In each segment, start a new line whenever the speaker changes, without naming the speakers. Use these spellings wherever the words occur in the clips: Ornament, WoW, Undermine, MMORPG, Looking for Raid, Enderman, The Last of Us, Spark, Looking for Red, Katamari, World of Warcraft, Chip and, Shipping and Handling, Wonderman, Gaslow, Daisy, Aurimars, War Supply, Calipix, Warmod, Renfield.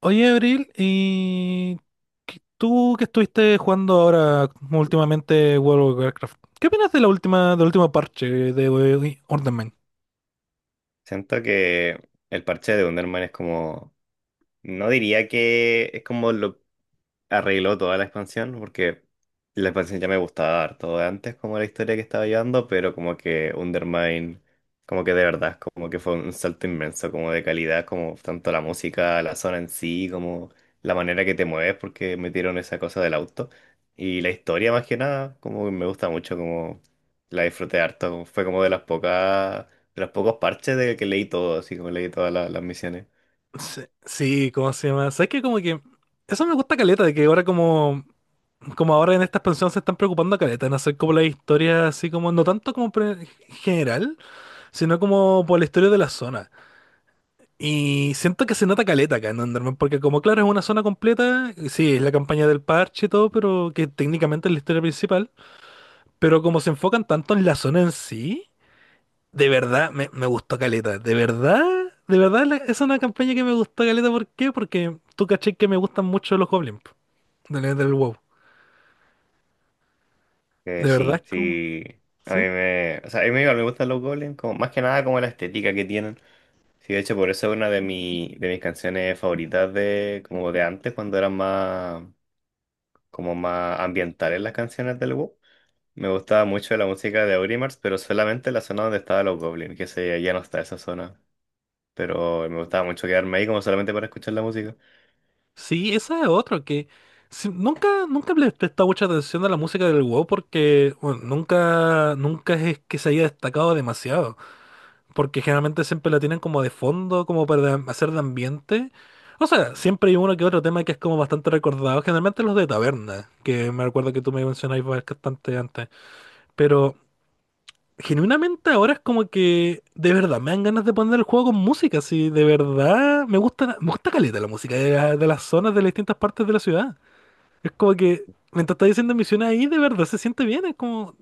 Oye, Abril, y tú que estuviste jugando ahora últimamente World of Warcraft, ¿qué opinas de la última, del último parche de Ornament?
Siento que el parche de Wonderman es como no diría que es como lo arregló toda la expansión, porque la expansión ya me gustaba harto de antes, como la historia que estaba llevando, pero como que Undermine, como que de verdad, como que fue un salto inmenso, como de calidad, como tanto la música, la zona en sí, como la manera que te mueves, porque metieron esa cosa del auto. Y la historia más que nada, como que me gusta mucho, como la disfruté harto, como fue como de las pocas, de los pocos parches de que leí todo, así como leí todas las misiones.
Sí, sí, ¿cómo se llama? ¿Sabes que como que eso me gusta caleta, de que ahora como ahora en esta expansión se están preocupando caleta en hacer como la historia así como no tanto como general, sino como por la historia de la zona? Y siento que se nota caleta acá en Enderman, porque como claro, es una zona completa, y sí, es la campaña del parche y todo, pero que técnicamente es la historia principal, pero como se enfocan tanto en la zona en sí, de verdad me gustó caleta, de verdad, es una campaña que me gustó caleta. ¿Por qué? Porque tú caché que me gustan mucho los goblins po, del WoW, de verdad
Sí,
es como,
sí. A mí
¿sí?
me, o sea, a mí igual me gustan los golems, como, más que nada como la estética que tienen. Sí, de hecho, por eso es una de, mi, de mis canciones favoritas de, como de antes, cuando eran más, como más ambientales las canciones del WoW. Me gustaba mucho la música de Aurimars, pero solamente la zona donde estaban los goblins, que se, ya no está esa zona. Pero me gustaba mucho quedarme ahí como solamente para escuchar la música.
Sí, esa es otra que nunca le he prestado mucha atención a la música del WoW porque bueno, nunca es que se haya destacado demasiado. Porque generalmente siempre la tienen como de fondo, como para hacer de ambiente. O sea, siempre hay uno que otro tema que es como bastante recordado. Generalmente los de taberna, que me recuerdo que tú me mencionabas bastante antes. Pero genuinamente ahora es como que de verdad me dan ganas de poner el juego con música. Si de verdad me gusta caleta la música de, de las zonas de las distintas partes de la ciudad. Es como que mientras está diciendo misiones ahí, de verdad se siente bien. Es como,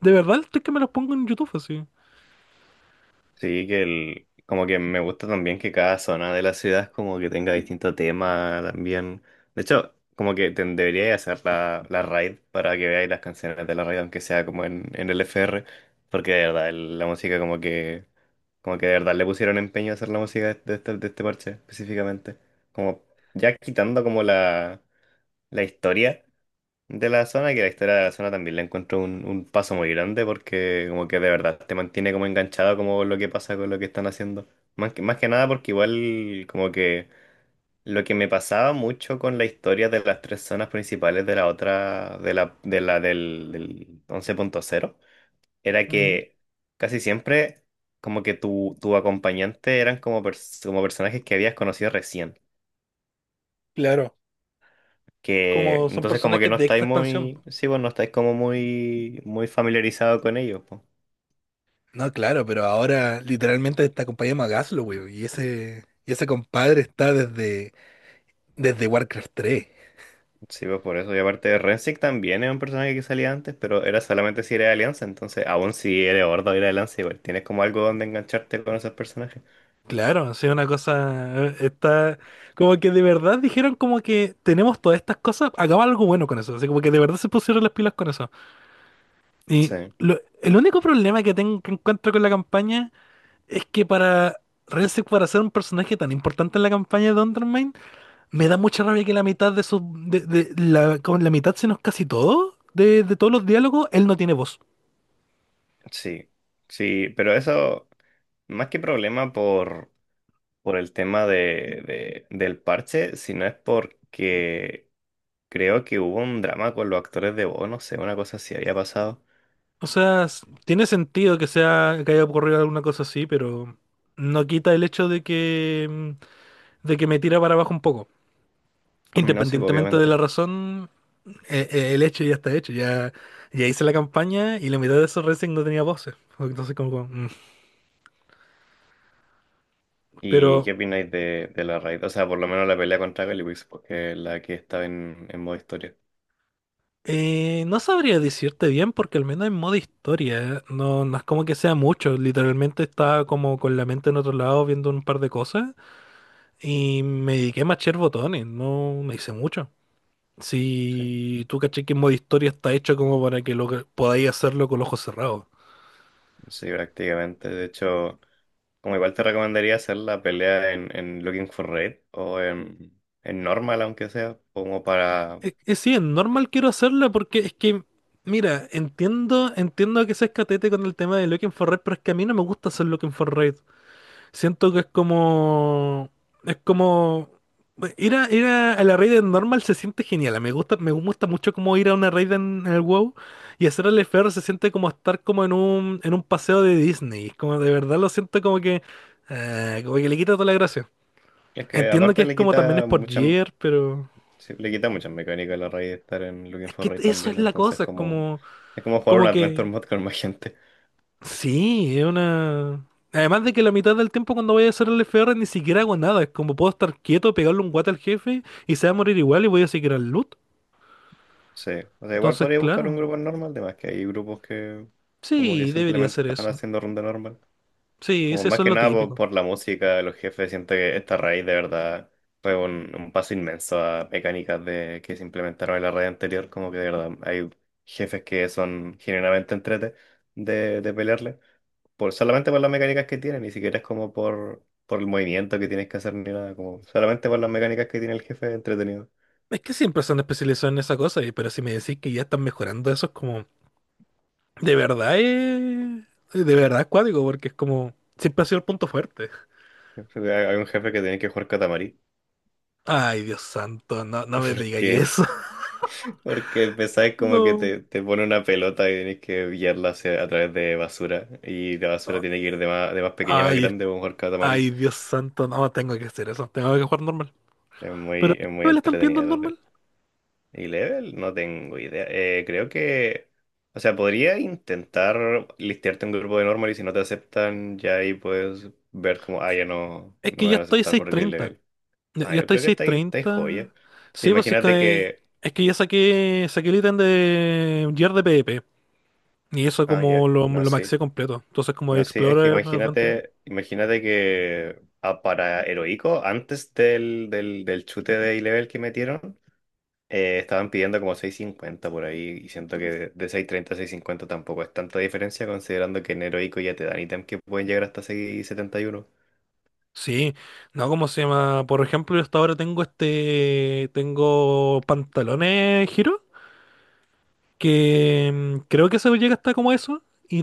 de verdad estoy que me los pongo en YouTube así.
Sí, que el, como que me gusta también que cada zona de la ciudad como que tenga distinto tema también. De hecho, como que te, debería hacer la, la raid para que veáis las canciones de la raid, aunque sea como en el FR, porque de verdad la música como que de verdad le pusieron empeño a hacer la música de este parche específicamente. Como ya quitando como la historia de la zona, que la historia de la zona también la encuentro un paso muy grande porque como que de verdad te mantiene como enganchado como lo que pasa con lo que están haciendo. Más que nada porque igual como que lo que me pasaba mucho con la historia de las tres zonas principales de la otra, de la del, del 11.0 era
Ujú.
que casi siempre como que tu acompañante eran como, como personajes que habías conocido recién.
Claro,
Que
como son
entonces como que
personajes
no
de esta
estáis
expansión.
muy, sí, pues no estáis como muy, muy familiarizado con ellos, pues.
No, claro, pero ahora literalmente esta compañía llama Gaslow, y ese compadre está desde Warcraft 3.
Sí, pues por eso. Y aparte, de Rensic también era un personaje que salía antes, pero era solamente si era de Alianza, entonces aún si eres Horda o era de Alianza, igual tienes como algo donde engancharte con esos personajes.
Claro, sí, una cosa está como que de verdad dijeron como que tenemos todas estas cosas, hagamos algo bueno con eso, así como que de verdad se pusieron las pilas con eso. Y
Sí,
el único problema que tengo que encuentro con la campaña es que para Renfield, para ser un personaje tan importante en la campaña de Undermine, me da mucha rabia que la mitad de su... De, con la mitad, sino casi todo, de todos los diálogos, él no tiene voz.
sí, sí, pero eso, más que problema por el tema de, del parche, sino es porque creo que hubo un drama con los actores de voz, no sé, una cosa así había pasado.
O sea, tiene sentido que sea, que haya ocurrido alguna cosa así, pero no quita el hecho de que, de que me tira para abajo un poco.
No, sí, pues,
Independientemente de la
obviamente.
razón, el hecho ya está hecho. Ya, ya hice la campaña y la mitad de esos Renfield no tenía voces. Entonces, como.
¿Y
Pero
qué opináis de la raid? O sea, por lo menos la pelea contra Calipix, porque es la que estaba en modo historia.
No sabría decirte bien porque al menos en modo historia ¿eh? No es como que sea mucho, literalmente estaba como con la mente en otro lado viendo un par de cosas y me dediqué a machar botones, no me hice mucho.
Sí,
Si tú caché que en modo historia está hecho como para que podáis hacerlo con los ojos cerrados.
sí, prácticamente. De hecho, como igual te recomendaría hacer la pelea en Looking for Raid o en Normal, aunque sea, como para...
Es normal quiero hacerla porque es que, mira, entiendo que seas catete con el tema de Looking for Red, pero es que a mí no me gusta hacer Looking for Red. Siento que es como. Es como. A la raid en normal se siente genial. Me gusta mucho como ir a una raid en el WoW y hacer el FR se siente como estar como en en un paseo de Disney. Como de verdad lo siento como que. Como que le quita toda la gracia.
Es que
Entiendo que
aparte
es
le
como también es
quita
por
mucha,
gear pero.
sí, le quita muchas mecánicas a la raid estar en Looking
Es
for
que
Raid
eso es
también,
la
entonces
cosa. Es
como...
como.
Es como jugar un
Como
Adventure
que.
Mod con más gente.
Sí, es una... Además de que la mitad del tiempo cuando voy a hacer el F. R. ni siquiera hago nada. Es como puedo estar quieto, pegarle un guate al jefe y se va a morir igual y voy a seguir al loot.
Sí, o sea, igual
Entonces,
podría buscar un
claro.
grupo normal, además que hay grupos que como que
Sí, debería
simplemente
ser
están
eso.
haciendo ronda normal.
Sí,
Como
sí,
más
eso es
que
lo
nada por,
típico.
por la música, los jefes, siento que esta raíz de verdad fue un paso inmenso a mecánicas de, que se implementaron en la raid anterior, como que de verdad hay jefes que son genuinamente entrete de pelearle, por, solamente por las mecánicas que tienen, ni siquiera es como por el movimiento que tienes que hacer ni nada, como solamente por las mecánicas que tiene el jefe es entretenido.
Es que siempre se han especializado en esa cosa, pero si me decís que ya están mejorando eso es como... De verdad es... De verdad es cuático, porque es como... Siempre ha sido el punto fuerte.
Hay un jefe que tiene que jugar Katamari.
Ay, Dios santo, no me digáis eso.
Que Porque empezáis como que
No.
te pone una pelota y tenéis que guiarla hacia- a través de basura. Y la basura tiene que ir de más pequeña a más
Ay,
grande, o mejor catamari.
Ay, Dios santo, no, tengo que hacer eso, tengo que jugar normal. Pero, ¿qué
Es muy
me la están pidiendo
entretenida
en
la red.
normal?
Y level, no tengo idea. Creo que. O sea, podría intentar listearte un grupo de normal y si no te aceptan, ya ahí puedes ver como, ah, ya no,
Es
no
que
me
ya
van a
estoy
aceptar por el
630.
level.
Ya
Ah,
ya
yo
estoy
creo que
seiscientos
está ahí joya.
treinta.
Sí,
Sí, pues si es
imagínate
que,
que.
es que ya saqué, saqué el ítem de Gear de PvP. Y eso
Ah,
como
ya, no,
lo
sí.
maxé completo. Entonces como de
No sé, es que
Explorer Adventure.
imagínate, imagínate que ah, para Heroico, antes del, del, del chute de A-Level que metieron, estaban pidiendo como seis cincuenta por ahí, y siento que de seis treinta a seis cincuenta tampoco es tanta diferencia, considerando que en Heroico ya te dan ítems que pueden llegar hasta 671.
Sí, no, ¿cómo se llama? Por ejemplo, yo hasta ahora tengo este, tengo pantalones giro, que creo que eso llega hasta como eso. Y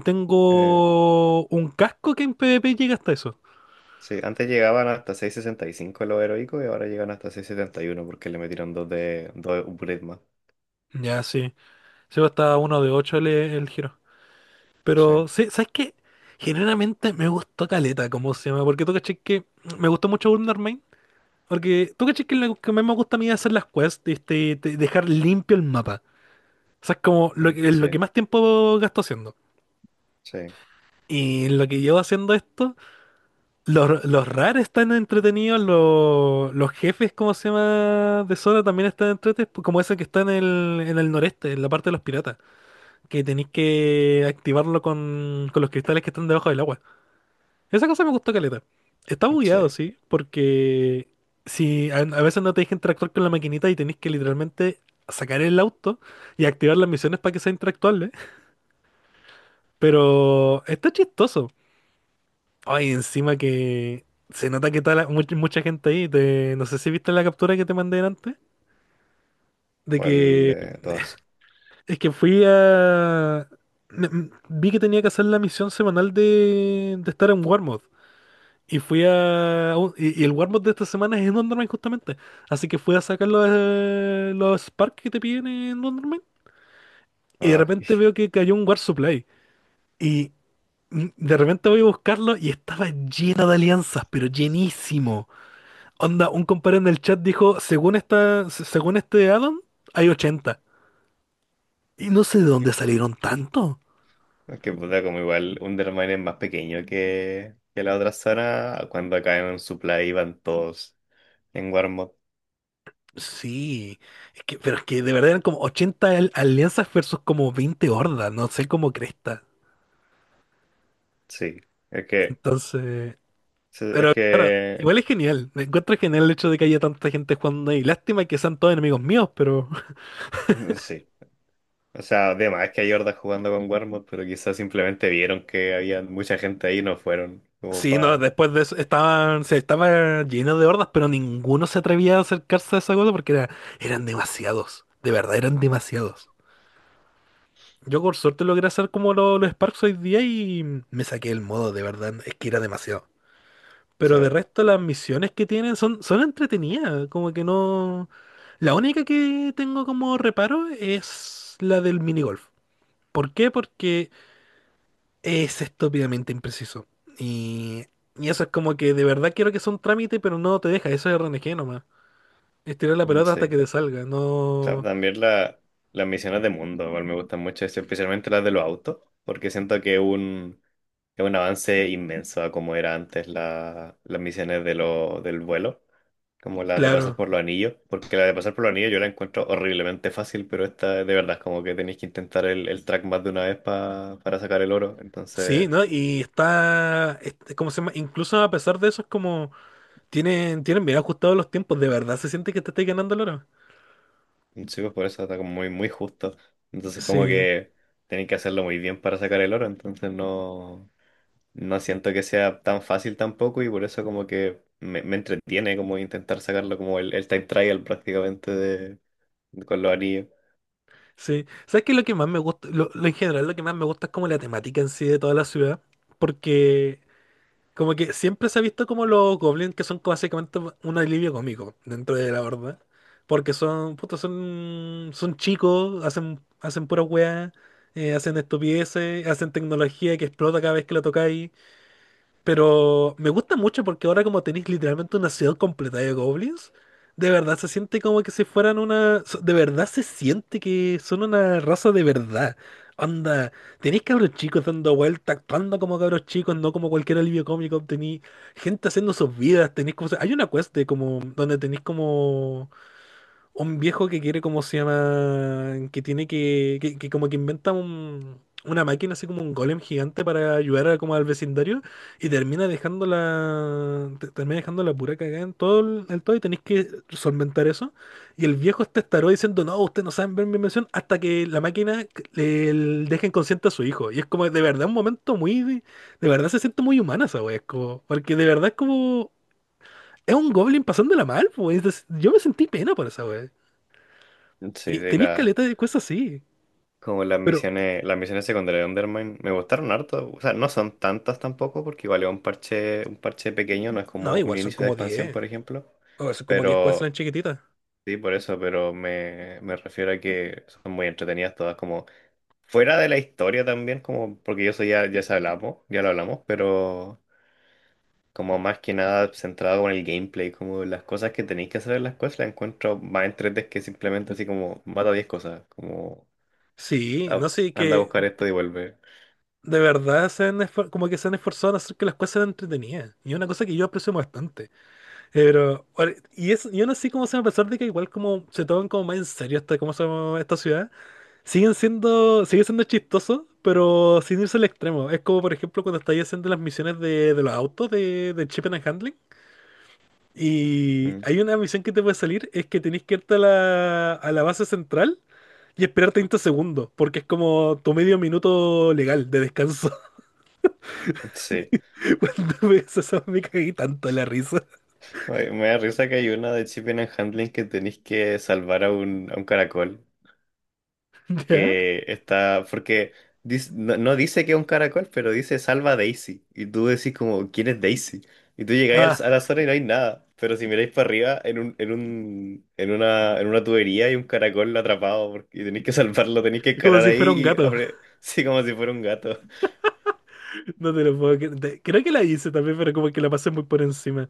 Eh,
tengo un casco que en PvP llega hasta eso.
sí, antes llegaban hasta 665 los Heroicos y ahora llegan hasta seis setenta y uno porque le metieron dos de dos upgrades más.
Ya, sí. Sí, hasta uno de ocho el giro.
Sí,
Pero, sí, ¿sabes qué? Generalmente me gustó caleta, como se llama, porque tú caché que me gustó mucho Wonder Main. Porque tú caché que lo que más me gusta a mí es hacer las quests, este, dejar limpio el mapa. O sea, es como lo,
mm,
lo que
sí,
más tiempo gasto haciendo.
sí,
Y lo que llevo haciendo esto, los rares están entretenidos, los jefes, cómo se llama, de zona también están entretenidos, como ese que está en el noreste, en la parte de los piratas, que tenéis que activarlo con los cristales que están debajo del agua. Esa cosa me gustó caleta. Está
sí.
bugueado, sí, porque si a veces no te deja interactuar con la maquinita y tenéis que literalmente sacar el auto y activar las misiones para que sea interactuable, pero está chistoso. Ay, encima que se nota que está mucha, mucha gente ahí. No sé si viste la captura que te mandé antes, de
¿Cuál
que
de todas?
es que fui a... Vi que tenía que hacer la misión semanal de estar en Warmod. Y fui a... Y, y el Warmod de esta semana es en Wonderman justamente. Así que fui a sacar los Spark que te piden en Wonderman. Y de
Ah.
repente veo que cayó un War Supply. Y de repente voy a buscarlo y estaba lleno de alianzas, pero llenísimo. Onda, un compadre en el chat dijo, según esta, según este addon, hay 80. Y no sé de dónde salieron tanto.
Es que puta, como igual Undermine es más pequeño que la otra zona. Cuando caen en supply van todos en Warmod.
Sí, es que, pero es que de verdad eran como 80 alianzas versus como 20 hordas, no sé cómo cresta.
Sí. Es que.
Entonces...
Sí, es
Pero claro,
que.
igual es genial. Me encuentro genial el hecho de que haya tanta gente jugando ahí. Lástima que sean todos enemigos míos, pero
Mm, sí. O sea, además es que hay hordas jugando con Warmod, pero quizás simplemente vieron que había mucha gente ahí y no fueron. Como
sí, no,
para.
después de eso estaban, se estaba lleno de hordas, pero ninguno se atrevía a acercarse a esa cosa porque era, eran demasiados. De verdad, eran demasiados. Yo por suerte logré hacer como los Sparks hoy día y me saqué el modo, de verdad, es que era demasiado. Pero de resto las misiones que tienen son, son entretenidas, como que no... La única que tengo como reparo es la del minigolf. ¿Por qué? Porque es estúpidamente impreciso. Y, y eso es como que de verdad quiero que sea un trámite, pero no te deja. Eso es RNG nomás. Estirar la pelota hasta
Sí.
que te salga. No.
También las misiones de mundo, igual me gustan mucho, eso, especialmente las de los autos, porque siento que es un avance inmenso a como era antes las misiones de lo, del vuelo, como las de pasar
Claro.
por los anillos, porque la de pasar por los anillos yo la encuentro horriblemente fácil, pero esta de verdad es como que tenéis que intentar el track más de una vez para sacar el oro,
Sí,
entonces...
¿no? ¿Cómo se llama? Incluso a pesar de eso, es como. Tienen, tienen bien ajustados los tiempos. De verdad se siente que te estáis ganando el oro.
Sí, pues por eso está como muy, muy justo. Entonces como
Sí.
que tienen que hacerlo muy bien para sacar el oro, entonces no, no siento que sea tan fácil tampoco y por eso como que me entretiene como intentar sacarlo como el time trial prácticamente de, con los anillos.
Sí. ¿Sabes qué? Es lo que más me gusta. Lo en general, lo que más me gusta es como la temática en sí de toda la ciudad. Porque como que siempre se ha visto como los goblins que son como básicamente un alivio cómico dentro de la horda. Porque son, puta, son chicos, hacen pura weá, hacen estupideces, hacen tecnología que explota cada vez que la tocáis. Pero me gusta mucho porque ahora como tenéis literalmente una ciudad completa de goblins, de verdad se siente como que si fueran una... De verdad se siente que son una raza de verdad. Onda, tenéis cabros chicos dando vueltas, actuando como cabros chicos, no como cualquier alivio cómico. Tenéis gente haciendo sus vidas, tenéis como... Hay una quest de como... donde tenéis como... Un viejo que quiere, ¿cómo se llama? Que tiene que, que como que inventa una máquina, así como un golem gigante para ayudar a- como al vecindario y termina dejando la, termina dejando la pura cagada en todo el, en todo y tenéis que solventar eso. Y el viejo está estaró diciendo, no, usted no saben ver mi invención hasta que la máquina deja inconsciente a su hijo. Y es como de verdad un momento muy, de verdad se siente muy humana esa wea, es como, porque de verdad es como... Es un goblin pasándola mal, pues. Yo me sentí pena por esa wea.
Sí,
Y
de
tenéis
la,
caleta de cosas así.
como
Pero,
las misiones secundarias de Undermine me gustaron harto. O sea, no son tantas tampoco, porque igual es un parche pequeño, no es
no,
como un
igual son
inicio de
como
expansión,
diez,
por ejemplo.
o son como 10
Pero
cuestiones chiquititas.
sí, por eso, pero me refiero a que son muy entretenidas todas, como fuera de la historia también, como porque yo soy ya, ya se hablamos, ya lo hablamos, pero como más que nada centrado con el gameplay, como las cosas que tenéis que hacer en las cosas, las encuentro más entretenidas que simplemente así como mata 10 cosas, como
Sí,
"Ah,
no sé,
anda a
que
buscar esto y vuelve.
de verdad como que se han esforzado en hacer que las cosas sean entretenidas. Y es una cosa que yo aprecio bastante. Pero, yo no sé cómo se va a pesar de que igual como se toman como más en serio esta, cómo se llama esta ciudad, sigue siendo chistoso, pero sin irse al extremo. Es como por ejemplo cuando estáis haciendo las misiones de los autos de Chip and... Y
Mm,
hay una misión que te puede salir, es que tenés que irte a la base central y esperar 30 segundos, porque es como tu medio minuto legal de descanso.
sí.
Cuando ves eso me caí tanto en la risa.
Oye, me da risa que hay una de Shipping and Handling que tenéis que salvar a un caracol
¿Ya?
que está, porque no, no dice que es un caracol, pero dice salva a Daisy. Y tú decís como, ¿quién es Daisy? Y tú llegáis
Ah,
a la zona y no hay nada. Pero si miráis para arriba, en un, en un, en una tubería hay un caracol atrapado porque, y tenéis que salvarlo, tenéis que
como
escalar
si fuera un
ahí y
gato.
abre, sí, como si fuera un gato.
No te lo puedo Creo que la hice también, pero como que la pasé muy por encima.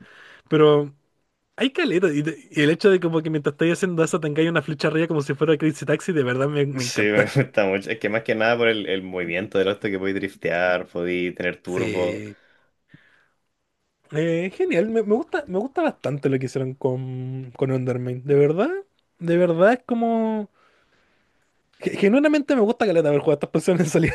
Pero hay caleta. Y, y el hecho de como que mientras estáis haciendo eso tengáis una flecha arriba como si fuera Crazy Taxi, de verdad me
Sí, me
encanta.
gusta mucho. Es que más que nada por el movimiento del auto que podéis driftear, podéis tener turbo.
Sí. Genial, me gusta bastante lo que hicieron con Undermine. De verdad es como. Genuinamente me gusta caleta haber jugado a estas personas.